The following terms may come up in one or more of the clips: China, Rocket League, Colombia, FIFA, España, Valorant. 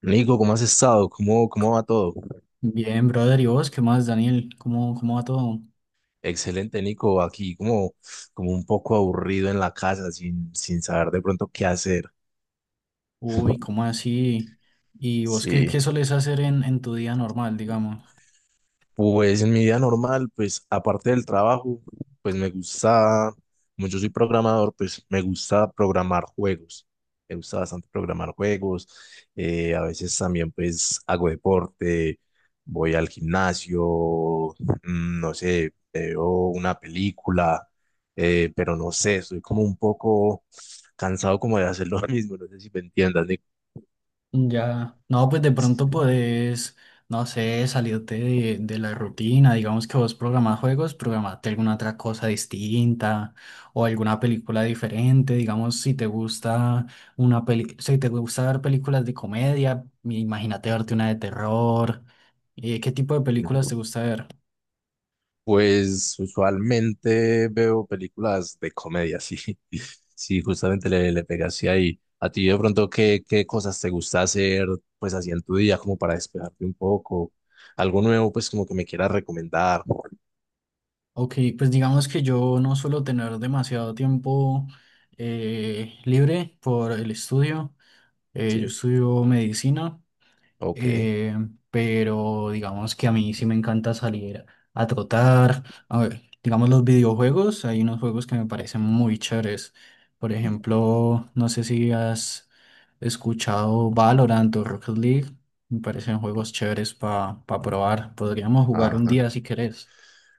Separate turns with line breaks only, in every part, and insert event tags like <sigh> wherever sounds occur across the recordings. Nico, ¿cómo has estado? ¿Cómo va todo?
Bien, brother, ¿y vos qué más, Daniel? ¿Cómo va todo?
Excelente, Nico, aquí como un poco aburrido en la casa sin saber de pronto qué hacer.
Uy, ¿cómo así? ¿Y vos qué,
Sí.
qué solés hacer en tu día normal, digamos?
Pues en mi vida normal, pues aparte del trabajo, pues me gusta, como yo soy programador, pues me gusta programar juegos. Me gusta bastante programar juegos. A veces también pues hago deporte, voy al gimnasio, no sé, veo una película, pero no sé, estoy como un poco cansado como de hacer lo <laughs> mismo, no sé si me entiendas, Nico.
Ya, no, pues de pronto podés, no sé, salirte de la rutina, digamos que vos programás juegos, programate alguna otra cosa distinta o alguna película diferente, digamos, si te gusta una peli, si te gusta ver películas de comedia, imagínate verte una de terror, ¿qué tipo de películas te gusta ver?
Pues usualmente veo películas de comedia, sí. <laughs> Sí, justamente le pegaste ahí. A ti de pronto, ¿qué cosas te gusta hacer pues así en tu día como para despejarte un poco? Algo nuevo pues como que me quieras recomendar.
Ok, pues digamos que yo no suelo tener demasiado tiempo libre por el estudio.
Sí,
Yo estudio medicina,
ok.
eh, pero digamos que a mí sí me encanta salir a trotar. A ver, digamos los videojuegos, hay unos juegos que me parecen muy chéveres. Por
Mm.
ejemplo, no sé si has escuchado Valorant o Rocket League. Me parecen juegos chéveres para probar. Podríamos jugar un
Ajá.
día si querés.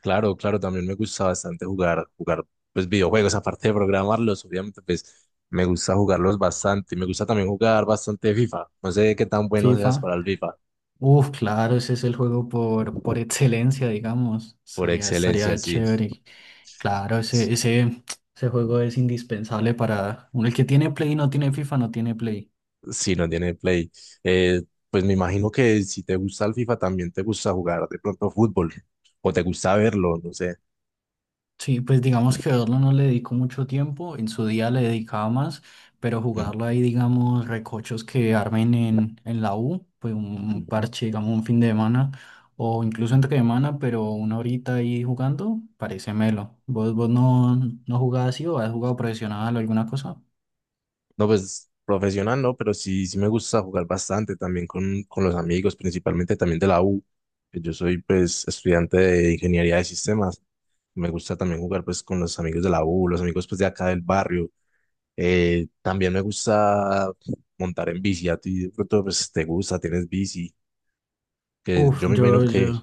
Claro, claro, también me gusta bastante jugar pues videojuegos, aparte de programarlos, obviamente pues me gusta jugarlos bastante. Y me gusta también jugar bastante FIFA. No sé qué tan bueno seas
FIFA.
para el FIFA.
Uf, claro, ese es el juego por excelencia, digamos.
Por
Estaría,
excelencia,
estaría
sí.
chévere. Claro, ese juego es indispensable para uno. El que tiene Play y no tiene FIFA, no tiene Play.
Si no tiene Play. Eh, pues me imagino que si te gusta el FIFA también te gusta jugar de pronto fútbol o te gusta verlo, no sé.
Sí, pues digamos que verlo no le dedico mucho tiempo, en su día le dedicaba más, pero
Mm,
jugarlo ahí, digamos, recochos que armen en la U, pues un
mm, mm,
parche, digamos, un fin de semana, o incluso
mm.
entre semana, pero una horita ahí jugando, parece melo. ¿Vos, vos no, no jugás así o has jugado profesional o alguna cosa?
No, pues profesional no, pero sí, sí me gusta jugar bastante también con los amigos, principalmente también de la U. Yo soy pues estudiante de ingeniería de sistemas. Me gusta también jugar pues con los amigos de la U, los amigos pues de acá del barrio. También me gusta montar en bici. A ti de pronto pues te gusta, tienes bici, que
Uf,
yo me imagino
yo, yo,
que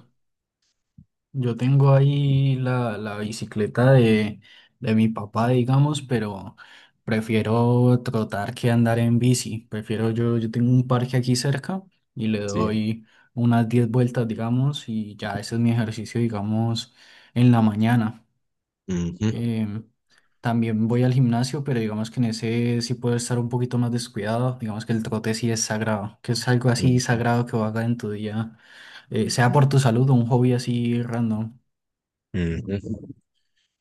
Yo tengo ahí la bicicleta de mi papá, digamos, pero prefiero trotar que andar en bici. Prefiero yo, yo tengo un parque aquí cerca y le
sí.
doy unas 10 vueltas, digamos, y ya ese es mi ejercicio, digamos, en la mañana.
Ujú,
Em, También voy al gimnasio, pero digamos que en ese sí puedo estar un poquito más descuidado. Digamos que el trote sí es sagrado, que es algo así
ujú,
sagrado que hagas en tu día, sea por tu salud o un hobby así random.
ujú.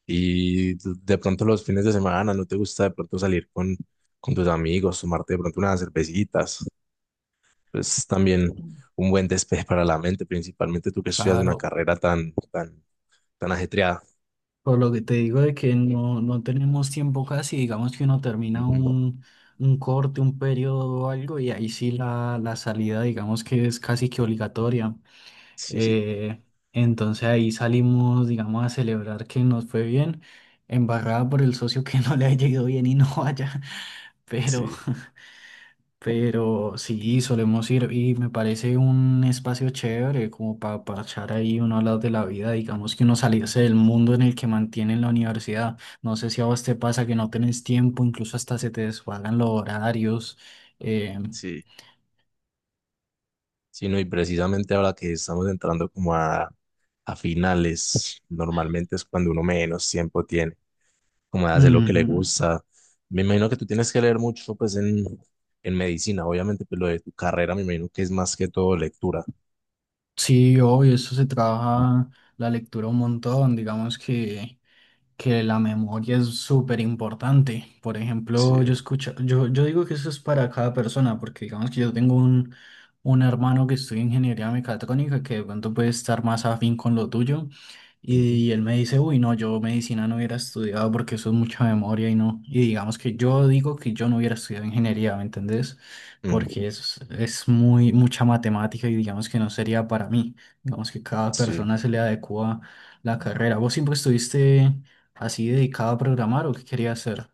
Y tú- de pronto los fines de semana, ¿no te gusta de pronto salir con tus amigos, tomarte de pronto unas cervecitas? Pues también un buen despeje para la mente, principalmente tú que estudias una
Claro,
carrera tan ajetreada.
por lo que te digo de que no, no tenemos tiempo casi, digamos que uno termina
Ujú.
un corte, un periodo o algo, y ahí sí la salida, digamos que es casi que obligatoria.
Sí, sí,
Eh, entonces ahí salimos, digamos, a celebrar que nos fue bien, embarrada por el socio que <laughs> no le haya ido bien y no vaya, <laughs> pero,
sí.
Pero sí, solemos ir y me parece un espacio chévere como para parchar ahí uno hablar de la vida, digamos que uno salirse del mundo en el que mantienen la universidad. No sé si a vos te pasa que no tenés tiempo, incluso hasta se te desfagan los horarios. eh,
Sí, no, y precisamente ahora que estamos entrando como a finales, normalmente es cuando uno menos tiempo tiene. Como de hacer lo que le
Ujú.
gusta. Me imagino que tú tienes que leer mucho, pues, en medicina, obviamente, pero lo de tu carrera, me imagino que es más que todo lectura.
Sí, obvio, eso se trabaja la lectura un montón, digamos que la memoria es súper importante. Por
Sí,
ejemplo, yo escucho, yo digo que eso es para cada persona, porque digamos que yo tengo un hermano que estudia ingeniería mecatrónica, que de pronto puede estar más afín con lo tuyo,
ujú,
y, él me dice, uy, no, yo medicina no hubiera estudiado porque eso es mucha memoria y no. Y digamos que yo digo que yo no hubiera estudiado ingeniería, ¿me entendés?
ujú,
Porque es muy, mucha matemática y digamos que no sería para mí. Digamos que cada
sí.
persona se le adecua la carrera. ¿Vos siempre estuviste así dedicado a programar o qué quería hacer?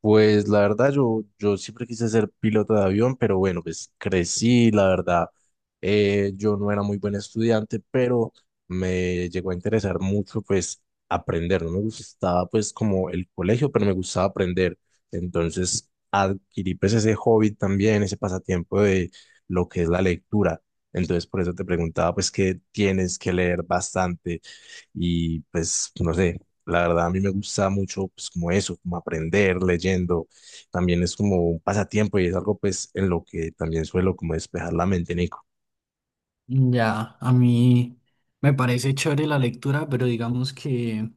Pues la verdad, yo siempre quise ser piloto de avión, pero bueno, pues crecí, la verdad, yo no era muy buen estudiante, pero me llegó a interesar mucho, pues, aprender. No me gustaba, pues, como el colegio, pero me gustaba aprender. Entonces, adquirí, pues, ese hobby también, ese pasatiempo de lo que es la lectura. Entonces, por eso te preguntaba, pues, qué tienes que leer bastante y, pues, no sé. La verdad, a mí me gusta mucho, pues, como eso, como aprender leyendo. También es como un pasatiempo y es algo, pues, en lo que también suelo como despejar la mente, Nico.
Ya, a mí me parece chévere la lectura, pero digamos que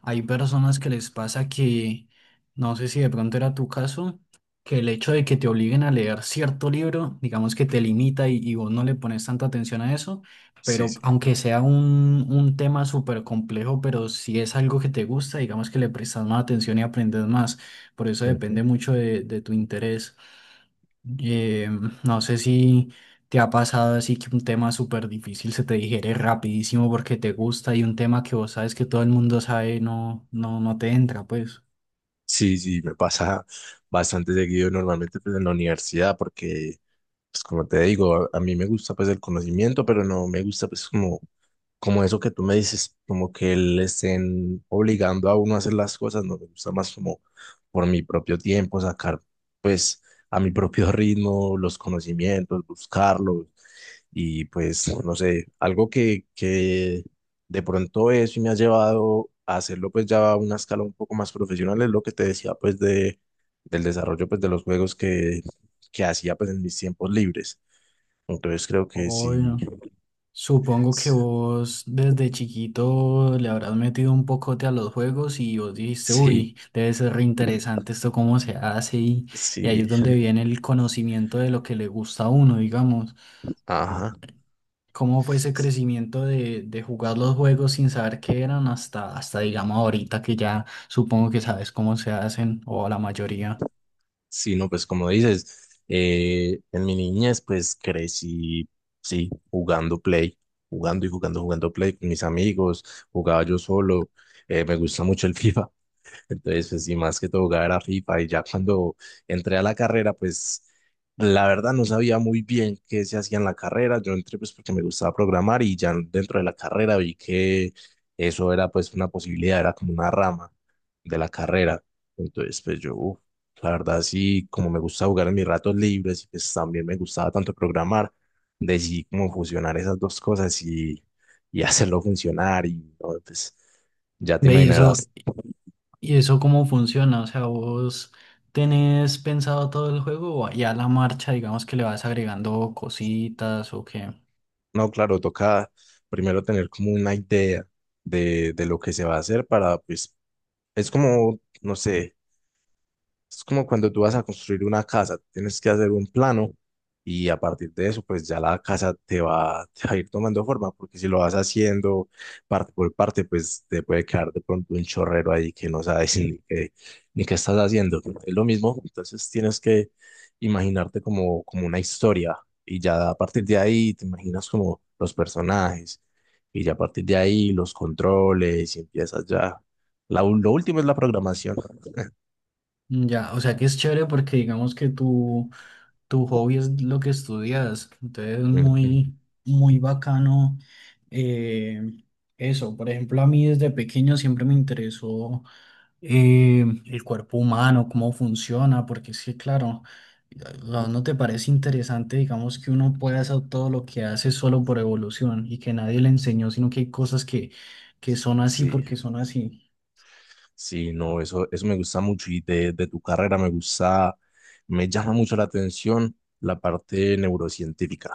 hay personas que les pasa que, no sé si de pronto era tu caso, que el hecho de que te obliguen a leer cierto libro, digamos que te limita y vos no le pones tanta atención a eso,
Sí,
pero
sí.
aunque sea un tema súper complejo, pero si es algo que te gusta, digamos que le prestas más atención y aprendes más, por eso
Ujú.
depende mucho de tu interés. Eh, no sé si te ha pasado así que un tema súper difícil se te digiere rapidísimo porque te gusta y un tema que vos sabes que todo el mundo sabe no, no, no te entra, pues.
Sí, sí, me pasa bastante seguido normalmente, pues, en la universidad, porque, pues, como te digo, a mí me gusta, pues, el conocimiento, pero no me gusta, pues, como como eso que tú me dices, como que le estén obligando a uno a hacer las cosas, no me gusta más como por mi propio tiempo, sacar pues a mi propio <laughs> ritmo los conocimientos, buscarlos y pues no sé, algo que de pronto eso me ha llevado a hacerlo pues ya a una escala un poco más profesional, es lo que te decía pues de, del desarrollo pues de los juegos que hacía pues en mis tiempos libres. Entonces creo que sí,
Obvio. Supongo que
<laughs>
vos desde chiquito le habrás metido un pocote a los juegos y vos dijiste,
sí,
uy, debe ser re interesante esto cómo se hace y ahí es
sí.
donde viene el conocimiento de lo que le gusta a uno, digamos.
Ajá.
¿Cómo fue ese crecimiento de jugar los juegos sin saber qué eran hasta, hasta digamos ahorita que ya supongo que sabes cómo se hacen o la mayoría?
Sí, no, pues como dices, en mi niñez pues crecí, sí, jugando Play, jugando y jugando, jugando Play con mis amigos, jugaba yo solo, me gusta mucho el <laughs> FIFA, entonces, pues sí, más que todo jugaba era FIFA y ya cuando entré a la carrera, pues la verdad no sabía muy bien qué se hacía en la carrera. Yo entré pues porque me gustaba programar y ya dentro de la carrera vi que eso era pues una posibilidad, era como una rama de la carrera. Entonces, pues yo, uf, la verdad sí, como me gusta jugar en mis ratos libres y pues también me gustaba tanto programar, decidí como fusionar esas dos cosas y <laughs> hacerlo funcionar y no, pues... Ya te
Ve, y eso,
imaginarás.
y eso cómo funciona, o sea, vos tenés pensado todo el juego o ya a la marcha, digamos que le vas agregando cositas o qué.
No, claro, toca primero tener como una idea de lo que se va a hacer para, pues, es como, no sé. Es como cuando tú vas a construir una casa, tienes que hacer un plano y a partir de eso, pues ya la casa te va a ir tomando forma, porque si lo vas haciendo parte por parte, pues te puede quedar de pronto un chorrero ahí que no sabes ni qué, ni qué estás haciendo. Es lo mismo, entonces tienes que imaginarte como, como una historia y ya a partir de ahí te imaginas como los personajes y ya a partir de ahí los controles y empiezas ya. La, lo último es la programación.
Ya, o sea que es chévere porque digamos que tú tu hobby es lo que estudias. Entonces es
Ujú.
muy, muy bacano eh, eso. Por ejemplo, a mí desde pequeño siempre me interesó el cuerpo humano, cómo funciona, porque es que, claro, ¿ no te parece interesante, digamos, que uno pueda hacer todo lo que hace solo por evolución y que nadie le enseñó, sino que hay cosas que son así
Sí.
porque son así?
Sí, no, eso me gusta mucho y de tu carrera me gusta, me llama mucho la atención la parte neurocientífica.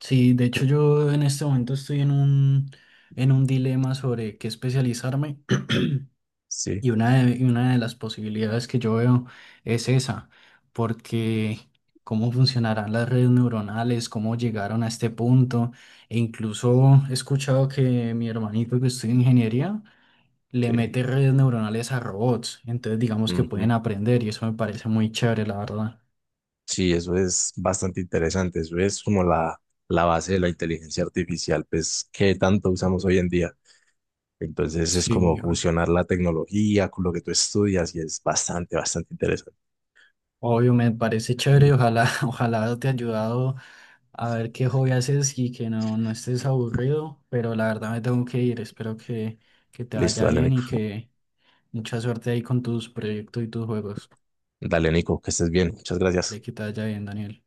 Sí, de hecho yo en este momento estoy en un dilema sobre qué especializarme. <clears throat>
Sí,
Y una de las posibilidades que yo veo es esa, porque cómo funcionarán las redes neuronales, cómo llegaron a este punto, e incluso he escuchado que mi hermanito que estudia ingeniería le
sí.
mete redes neuronales a robots, entonces digamos que
Ujú.
pueden aprender y eso me parece muy chévere, la verdad.
Sí, eso es bastante interesante, eso es como la base de la inteligencia artificial, pues que tanto usamos hoy en día. Entonces es como
Sí,
fusionar la tecnología con lo que tú estudias y es bastante, bastante interesante.
obvio, me parece chévere. Ojalá, <laughs> ojalá te haya ayudado a ver qué hobby haces y que no, no estés aburrido. Pero la verdad me tengo que ir. Espero que te
Listo,
vaya
dale,
bien y
Nico.
que mucha suerte ahí con tus proyectos y tus juegos.
Dale, Nico, que estés bien. Muchas
Dale,
gracias.
que te vaya bien, Daniel.